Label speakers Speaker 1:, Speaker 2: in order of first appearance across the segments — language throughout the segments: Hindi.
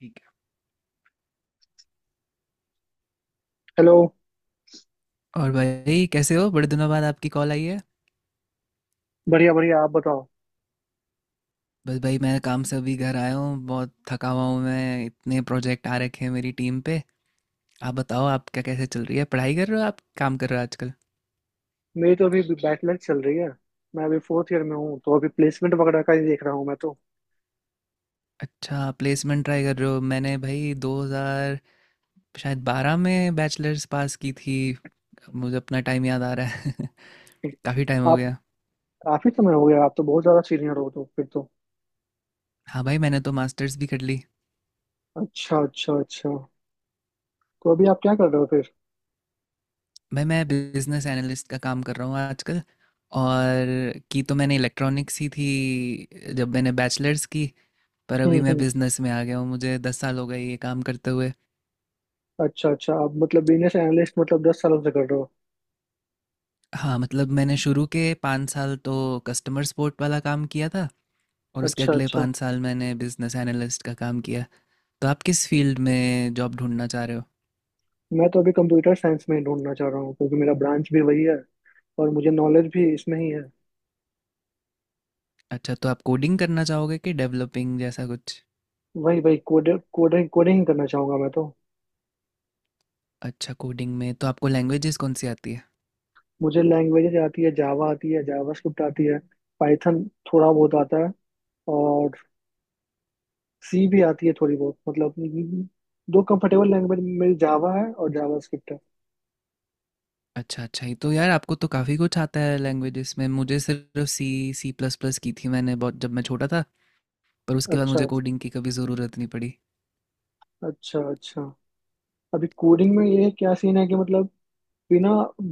Speaker 1: ठीक
Speaker 2: हेलो।
Speaker 1: है। और भाई कैसे हो? बड़े दिनों बाद आपकी कॉल आई है।
Speaker 2: बढ़िया बढ़िया, आप बताओ।
Speaker 1: बस भाई मैं काम से अभी घर आया हूँ, बहुत थका हुआ हूँ। मैं इतने प्रोजेक्ट आ रखे हैं मेरी टीम पे। आप बताओ आपका कैसे चल रही है, पढ़ाई कर रहे हो, आप काम कर रहे हो आजकल?
Speaker 2: मेरी तो अभी बैचलर चल रही है। मैं अभी फोर्थ ईयर में हूँ, तो अभी प्लेसमेंट वगैरह का ही देख रहा हूँ मैं तो।
Speaker 1: अच्छा प्लेसमेंट ट्राई कर रहे हो। मैंने भाई 2000 शायद 12 में बैचलर्स पास की थी। मुझे अपना टाइम याद आ रहा है। काफ़ी टाइम हो
Speaker 2: आप।
Speaker 1: गया।
Speaker 2: काफी समय हो गया, आप तो बहुत ज्यादा सीनियर हो, तो फिर तो।
Speaker 1: हाँ भाई, मैंने तो मास्टर्स भी कर ली।
Speaker 2: अच्छा अच्छा अच्छा। तो अभी आप क्या कर रहे हो फिर?
Speaker 1: भाई मैं बिजनेस एनालिस्ट का काम कर रहा हूँ आजकल। और की तो मैंने इलेक्ट्रॉनिक्स ही थी जब मैंने बैचलर्स की। पर अभी मैं
Speaker 2: हम्म।
Speaker 1: बिजनेस में आ गया हूँ। मुझे 10 साल हो गए ये काम करते हुए।
Speaker 2: अच्छा अच्छा, आप मतलब बिजनेस एनालिस्ट मतलब 10 सालों से कर रहे हो?
Speaker 1: हाँ मतलब मैंने शुरू के 5 साल तो कस्टमर सपोर्ट वाला काम किया था, और उसके
Speaker 2: अच्छा
Speaker 1: अगले
Speaker 2: अच्छा।
Speaker 1: 5 साल मैंने बिजनेस एनालिस्ट का काम किया। तो आप किस फील्ड में जॉब ढूंढना चाह रहे हो?
Speaker 2: मैं तो अभी कंप्यूटर साइंस में ही ढूंढना चाह रहा हूँ क्योंकि मेरा ब्रांच भी वही है, और मुझे नॉलेज भी इसमें ही है।
Speaker 1: अच्छा तो आप कोडिंग करना चाहोगे कि डेवलपिंग जैसा कुछ?
Speaker 2: वही वही कोडिंग कोडिंग कोडिंग करना चाहूंगा मैं तो।
Speaker 1: अच्छा कोडिंग में तो आपको लैंग्वेजेस कौन सी आती है?
Speaker 2: मुझे लैंग्वेजेज आती है, जावा आती है, जावास्क्रिप्ट आती है, पाइथन थोड़ा बहुत आता है, और सी भी आती है थोड़ी बहुत, मतलब दो कंफर्टेबल लैंग्वेज मेरी जावा है और जावास्क्रिप्ट है।
Speaker 1: अच्छा अच्छा, ये तो यार आपको तो काफ़ी कुछ आता है लैंग्वेजेस में। मुझे सिर्फ सी सी प्लस प्लस की थी मैंने, बहुत जब मैं छोटा था। पर उसके बाद
Speaker 2: अच्छा
Speaker 1: मुझे
Speaker 2: अच्छा
Speaker 1: कोडिंग की कभी ज़रूरत नहीं पड़ी।
Speaker 2: अच्छा अच्छा। अभी कोडिंग में ये क्या सीन है कि मतलब बिना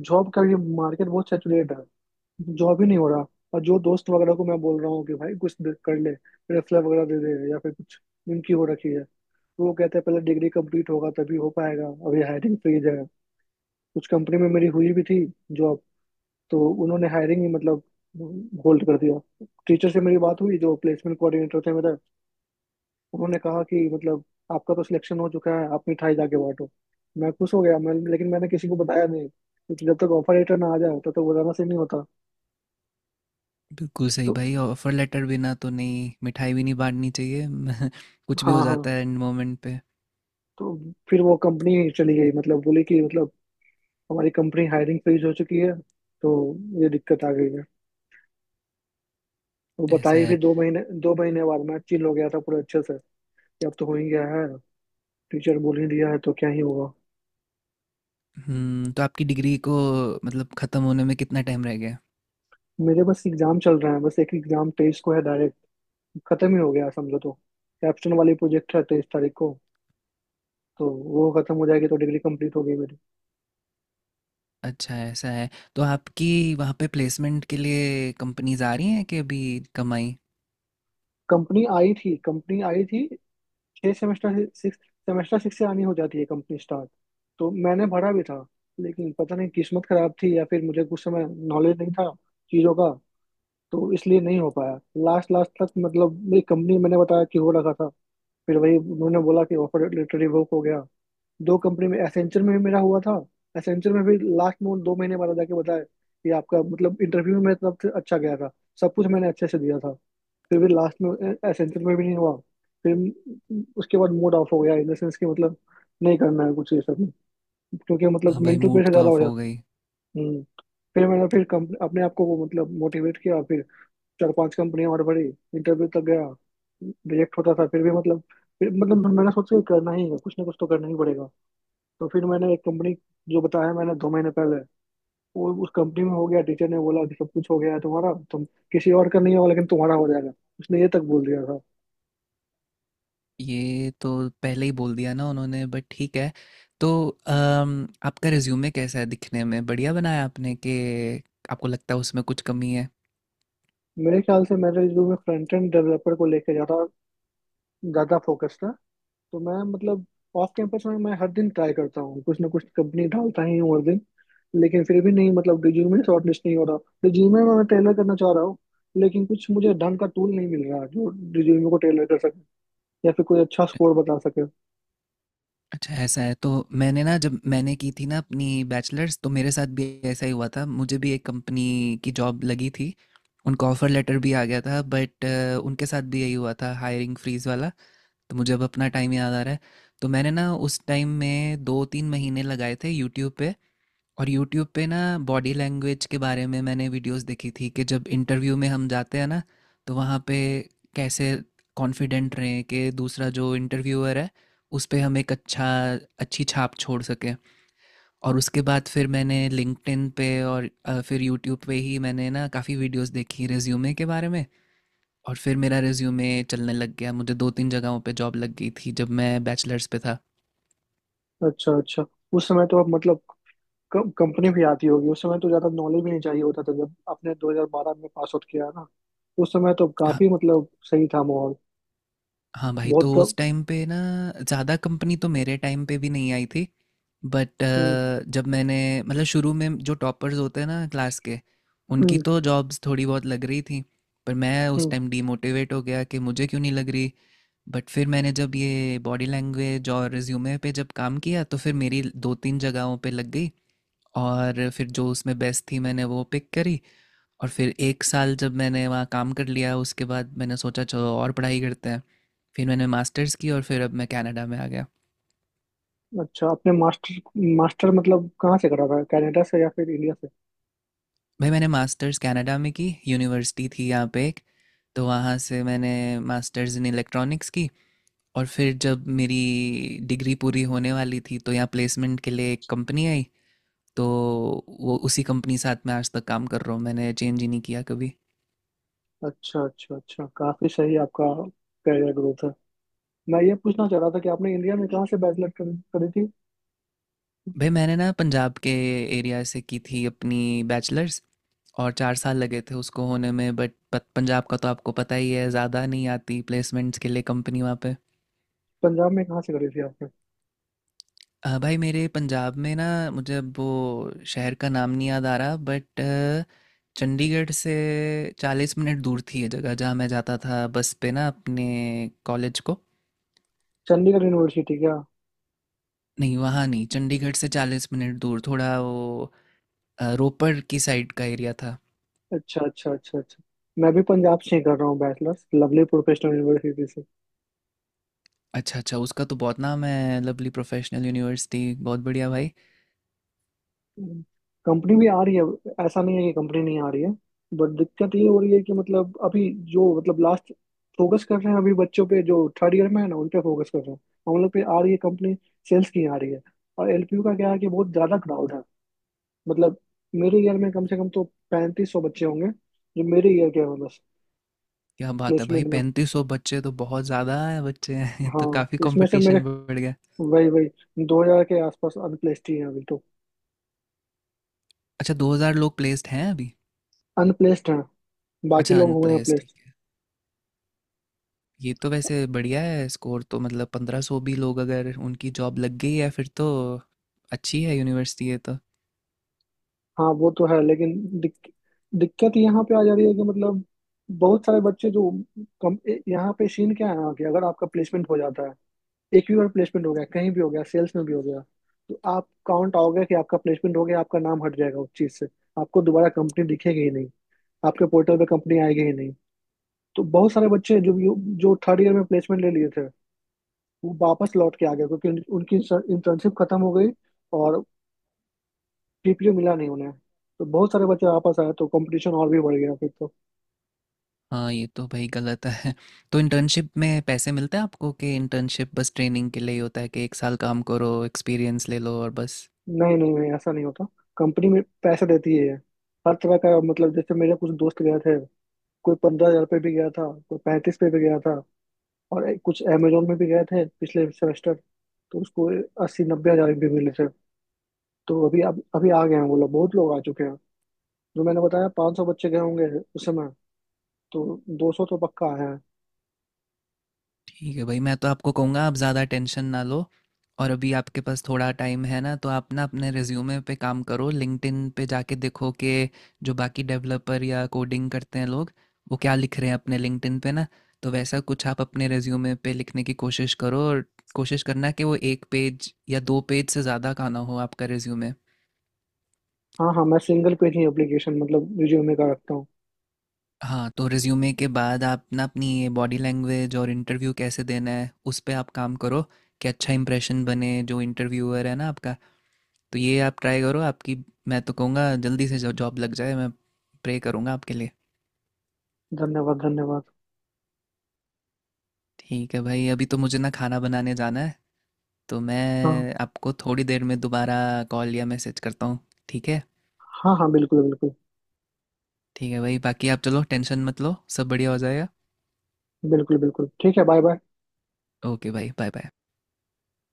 Speaker 2: जॉब का, ये मार्केट बहुत सैचुरेट है। जॉब ही नहीं हो रहा। और जो दोस्त वगैरह को मैं बोल रहा हूँ कि भाई कुछ कर ले, रेफरल वगैरह दे दे या फिर कुछ इनकी हो रखी है, तो वो कहते हैं पहले डिग्री कंप्लीट होगा तभी हो पाएगा, अभी हायरिंग फ्रीज है। कुछ कंपनी में मेरी हुई भी थी जॉब, तो उन्होंने हायरिंग ही मतलब होल्ड कर दिया। टीचर से मेरी बात हुई जो प्लेसमेंट कोऑर्डिनेटर थे मेरे, उन्होंने कहा कि मतलब आपका तो सिलेक्शन हो चुका है, आप मिठाई जाके बांटो। मैं खुश हो गया मैं, लेकिन मैंने किसी को बताया नहीं क्योंकि जब तक ऑफर लेटर ना आ जाए तब तक बताना सही नहीं होता।
Speaker 1: बिल्कुल सही
Speaker 2: तो
Speaker 1: भाई, ऑफर लेटर बिना तो नहीं, मिठाई भी नहीं बांटनी चाहिए। कुछ भी हो
Speaker 2: हाँ हाँ,
Speaker 1: जाता है एंड मोमेंट पे।
Speaker 2: तो फिर वो कंपनी ही चली गई, मतलब बोली कि मतलब हमारी कंपनी हायरिंग फ्रीज हो चुकी है, तो ये दिक्कत आ गई है। वो
Speaker 1: ऐसा
Speaker 2: बताई फिर
Speaker 1: है।
Speaker 2: दो महीने बाद मैं चिल हो गया था पूरे अच्छे से कि अब तो हो ही गया है, टीचर बोल ही दिया है तो क्या ही होगा।
Speaker 1: हम्म, तो आपकी डिग्री को मतलब ख़त्म होने में कितना टाइम रह गया?
Speaker 2: मेरे बस एग्जाम चल रहा है, बस एक एग्जाम 23 को है डायरेक्ट। खत्म ही हो गया समझो तो। कैप्स्टन वाली प्रोजेक्ट है 23 तारीख को, तो वो खत्म हो जाएगी, तो डिग्री कंप्लीट हो गई मेरी।
Speaker 1: अच्छा ऐसा है। तो आपकी वहाँ पे प्लेसमेंट के लिए कंपनीज आ रही हैं कि अभी कमाई?
Speaker 2: कंपनी आई थी कंपनी आई थी। छह सेमेस्टर से सिक्स सेमेस्टर सिक्स से आनी हो जाती है कंपनी स्टार्ट, तो मैंने भरा भी था, लेकिन पता नहीं किस्मत खराब थी या फिर मुझे कुछ समय नॉलेज नहीं था चीज़ों का, तो इसलिए नहीं हो पाया। लास्ट लास्ट तक मतलब मेरी कंपनी मैंने बताया कि हो रखा था, फिर वही उन्होंने बोला कि ऑफर लेटर रिवोक हो गया। दो कंपनी में एसेंचर में भी मेरा हुआ था। एसेंचर में भी लास्ट में उन 2 महीने बाद जाके बताया कि आपका मतलब इंटरव्यू में मेरी तरफ से अच्छा गया था, सब कुछ मैंने अच्छे से दिया था, फिर भी लास्ट में एसेंचर में भी नहीं हुआ। फिर उसके बाद मूड ऑफ हो गया इन द सेंस कि मतलब नहीं करना है कुछ ये सब, क्योंकि मतलब
Speaker 1: हाँ भाई
Speaker 2: मेंटल
Speaker 1: मूड
Speaker 2: प्रेशर
Speaker 1: तो
Speaker 2: ज़्यादा हो
Speaker 1: ऑफ हो
Speaker 2: जाता।
Speaker 1: गई।
Speaker 2: हम्म। फिर मैंने फिर कंप अपने आप को वो मतलब मोटिवेट किया फिर। चार पांच कंपनियां और बड़ी इंटरव्यू तक गया, रिजेक्ट होता था फिर भी मतलब। फिर मतलब मैंने सोचा कि करना ही है कुछ ना कुछ तो करना ही पड़ेगा, तो फिर मैंने एक कंपनी जो बताया मैंने 2 महीने पहले वो उस कंपनी में हो गया। टीचर ने बोला कि सब कुछ हो गया है तुम्हारा, तुम किसी और का नहीं होगा लेकिन तुम्हारा हो जाएगा, उसने ये तक बोल दिया था।
Speaker 1: ये तो पहले ही बोल दिया ना उन्होंने, बट ठीक है। तो आपका रिज्यूमे कैसा है, दिखने में बढ़िया बनाया आपने कि आपको लगता है उसमें कुछ कमी है?
Speaker 2: मेरे ख्याल से मेरे जो मैं फ्रंट एंड डेवलपर को लेके ज्यादा ज्यादा फोकस था, तो मैं मतलब ऑफ कैंपस में मैं हर दिन ट्राई करता हूँ, कुछ ना कुछ कंपनी डालता ही हूँ हर दिन, लेकिन फिर भी नहीं, मतलब रिज्यूमे शॉर्ट लिस्ट नहीं हो रहा। रिज्यूमे में मैं टेलर करना चाह रहा हूँ, लेकिन कुछ मुझे ढंग का टूल नहीं मिल रहा जो रिज्यूमे को टेलर कर सके या फिर कोई अच्छा स्कोर बता सके।
Speaker 1: अच्छा ऐसा है। तो मैंने ना जब मैंने की थी ना अपनी बैचलर्स, तो मेरे साथ भी ऐसा ही हुआ था। मुझे भी एक कंपनी की जॉब लगी थी, उनका ऑफर लेटर भी आ गया था, बट उनके साथ भी यही हुआ था हायरिंग फ्रीज वाला। तो मुझे अब अपना टाइम याद आ रहा है। तो मैंने ना उस टाइम में 2 3 महीने लगाए थे यूट्यूब पे। और यूट्यूब पे ना बॉडी लैंग्वेज के बारे में मैंने वीडियोस देखी थी, कि जब इंटरव्यू में हम जाते हैं ना, तो वहाँ पे कैसे कॉन्फिडेंट रहें कि दूसरा जो इंटरव्यूअर है उस पे हम एक अच्छा अच्छी छाप छोड़ सकें। और उसके बाद फिर मैंने लिंक्डइन पे और फिर यूट्यूब पे ही मैंने ना काफ़ी वीडियोस देखी रिज्यूमे के बारे में। और फिर मेरा रिज्यूमे चलने लग गया, मुझे 2 3 जगहों पे जॉब लग गई थी जब मैं बैचलर्स पे था।
Speaker 2: अच्छा अच्छा। उस समय तो अब मतलब कंपनी भी आती होगी, उस समय तो ज्यादा नॉलेज भी नहीं चाहिए होता था, जब आपने 2012 में पास आउट किया ना, उस समय तो काफी मतलब सही था माहौल।
Speaker 1: हाँ भाई,
Speaker 2: बहुत
Speaker 1: तो
Speaker 2: कम।
Speaker 1: उस टाइम पे ना ज़्यादा कंपनी तो मेरे टाइम पे भी नहीं आई थी। बट
Speaker 2: हम्म
Speaker 1: जब मैंने मतलब शुरू में जो टॉपर्स होते हैं ना क्लास के, उनकी
Speaker 2: हम्म
Speaker 1: तो जॉब्स थोड़ी बहुत लग रही थी। पर मैं उस
Speaker 2: हम्म।
Speaker 1: टाइम डीमोटिवेट हो गया कि मुझे क्यों नहीं लग रही। बट फिर मैंने जब ये बॉडी लैंग्वेज और रिज्यूमे पे जब काम किया, तो फिर मेरी 2-3 जगहों पे लग गई। और फिर जो उसमें बेस्ट थी मैंने वो पिक करी। और फिर 1 साल जब मैंने वहाँ काम कर लिया, उसके बाद मैंने सोचा चलो और पढ़ाई करते हैं। फिर मैंने मास्टर्स की और फिर अब मैं कनाडा में आ गया।
Speaker 2: अच्छा, आपने मास्टर मास्टर मतलब कहाँ से करा था, कनाडा से या फिर इंडिया से?
Speaker 1: भाई मैंने मास्टर्स कनाडा में की, यूनिवर्सिटी थी यहाँ पे एक, तो वहाँ से मैंने मास्टर्स इन इलेक्ट्रॉनिक्स की। और फिर जब मेरी डिग्री पूरी होने वाली थी तो यहाँ प्लेसमेंट के लिए एक कंपनी आई, तो वो उसी कंपनी साथ में आज तक काम कर रहा हूँ, मैंने चेंज ही नहीं किया कभी।
Speaker 2: अच्छा अच्छा अच्छा, काफी सही आपका करियर ग्रोथ है। मैं ये पूछना चाह रहा था कि आपने इंडिया में कहाँ से बैचलर करी थी?
Speaker 1: भाई मैंने ना पंजाब के एरिया से की थी अपनी बैचलर्स, और 4 साल लगे थे उसको होने में। बट पंजाब का तो आपको पता ही है, ज़्यादा नहीं आती प्लेसमेंट्स के लिए कंपनी वहाँ पे।
Speaker 2: पंजाब में कहाँ से करी थी आपने?
Speaker 1: भाई मेरे पंजाब में ना मुझे अब वो शहर का नाम नहीं याद आ रहा, बट चंडीगढ़ से 40 मिनट दूर थी ये जगह जहाँ मैं जाता था बस पे ना अपने कॉलेज को।
Speaker 2: चंडीगढ़ यूनिवर्सिटी क्या?
Speaker 1: नहीं वहाँ नहीं, चंडीगढ़ से चालीस मिनट दूर थोड़ा वो रोपड़ की साइड का एरिया था।
Speaker 2: अच्छा अच्छा अच्छा अच्छा। मैं भी पंजाब से ही कर रहा हूँ बैचलर्स, लवली प्रोफेशनल यूनिवर्सिटी से।
Speaker 1: अच्छा अच्छा, उसका तो बहुत नाम है लवली प्रोफेशनल यूनिवर्सिटी, बहुत बढ़िया भाई।
Speaker 2: कंपनी भी आ रही है, ऐसा नहीं है कि कंपनी नहीं आ रही है, बट दिक्कत ये हो रही है कि मतलब अभी जो मतलब लास्ट फोकस कर रहे हैं अभी बच्चों पे, जो थर्ड ईयर में है ना उन पे फोकस कर रहे हैं। हम लोग पे आ रही है कंपनी, सेल्स की आ रही है। और एलपीयू का क्या है कि बहुत ज्यादा क्राउड है, मतलब मेरे ईयर में कम से कम तो 3500 बच्चे होंगे जो मेरे ईयर के हैं बस।
Speaker 1: क्या बात है भाई,
Speaker 2: प्लेसमेंट में।
Speaker 1: 3500 बच्चे तो बहुत ज़्यादा है, बच्चे हैं ये तो,
Speaker 2: हाँ
Speaker 1: काफ़ी
Speaker 2: इसमें से मेरे
Speaker 1: कंपटीशन बढ़ गया।
Speaker 2: वही वही 2000 के आसपास अनप्लेस्ड ही हैं अभी तो।
Speaker 1: अच्छा 2000 लोग प्लेस्ड हैं अभी?
Speaker 2: अनप्लेस्ड है, बाकी
Speaker 1: अच्छा
Speaker 2: लोग हुए हैं
Speaker 1: अनप्लेस्ड, ठीक
Speaker 2: प्लेस्ड।
Speaker 1: है। ये तो वैसे बढ़िया है स्कोर तो, मतलब 1500 भी लोग अगर उनकी जॉब लग गई है फिर तो अच्छी है यूनिवर्सिटी ये तो।
Speaker 2: हाँ वो तो है लेकिन दिक, दिक्कत यहाँ पे आ जा रही है कि मतलब बहुत सारे बच्चे जो यहाँ पे सीन क्या है यहाँ के, अगर आपका प्लेसमेंट हो जाता है, एक भी बार प्लेसमेंट हो गया, कहीं भी हो गया, सेल्स में भी हो गया, तो आप काउंट आओगे कि आपका प्लेसमेंट हो गया, आपका नाम हट जाएगा उस चीज से, आपको दोबारा कंपनी दिखेगी ही नहीं, आपके पोर्टल पे कंपनी आएगी ही नहीं। तो बहुत सारे बच्चे जो जो थर्ड ईयर में प्लेसमेंट ले लिए थे वो वापस लौट के आ गए क्योंकि उनकी इंटर्नशिप खत्म हो गई, और जीपीयू मिला नहीं उन्हें, तो बहुत सारे बच्चे वापस आए तो कंपटीशन और भी बढ़ गया फिर तो।
Speaker 1: हाँ ये तो भाई गलत है। तो इंटर्नशिप में पैसे मिलते हैं आपको, कि इंटर्नशिप बस ट्रेनिंग के लिए ही होता है कि एक साल काम करो एक्सपीरियंस ले लो और बस?
Speaker 2: नहीं नहीं नहीं, ऐसा नहीं होता। कंपनी में पैसे देती है, हर तरह का मतलब जैसे मेरे कुछ दोस्त गए थे, कोई 15,000 पे भी गया था, कोई 35 पे भी गया था। और कुछ अमेजोन में भी गए थे पिछले सेमेस्टर, तो उसको 80-90 हजार भी मिले थे। तो अभी अब अभी आ गए हैं वो लोग, बहुत लोग आ चुके हैं। जो मैंने बताया 500 बच्चे गए होंगे उस समय, तो 200 तो पक्का आए हैं।
Speaker 1: ठीक है भाई, मैं तो आपको कहूँगा आप ज़्यादा टेंशन ना लो। और अभी आपके पास थोड़ा टाइम है ना, तो आप ना अपने रिज्यूमे पे काम करो, लिंक्डइन पे जाके देखो कि जो बाकी डेवलपर या कोडिंग करते हैं लोग वो क्या लिख रहे हैं अपने लिंक्डइन पे ना। तो वैसा कुछ आप अपने रिज्यूमे पे लिखने की कोशिश करो, और कोशिश करना कि वो एक पेज या दो पेज से ज़्यादा का ना हो आपका रिज्यूमे।
Speaker 2: हाँ हाँ, मैं सिंगल पेज ही एप्लीकेशन मतलब रिज्यूमे का रखता हूँ।
Speaker 1: हाँ तो रिज्यूमे के बाद आप ना अपनी बॉडी लैंग्वेज और इंटरव्यू कैसे देना है उस पर आप काम करो, कि अच्छा इंप्रेशन बने जो इंटरव्यूअर है ना आपका। तो ये आप ट्राई करो। आपकी मैं तो कहूँगा जल्दी से जो जॉब लग जाए, मैं प्रे करूँगा आपके लिए।
Speaker 2: धन्यवाद धन्यवाद।
Speaker 1: ठीक है भाई, अभी तो मुझे ना खाना बनाने जाना है, तो
Speaker 2: हाँ।
Speaker 1: मैं आपको थोड़ी देर में दोबारा कॉल या मैसेज करता हूँ, ठीक है?
Speaker 2: हाँ हाँ बिल्कुल बिल्कुल।
Speaker 1: ठीक है भाई बाकी आप चलो, टेंशन मत लो, सब बढ़िया हो जाएगा।
Speaker 2: बिल्कुल बिल्कुल ठीक है, बाय बाय।
Speaker 1: ओके भाई, बाय बाय।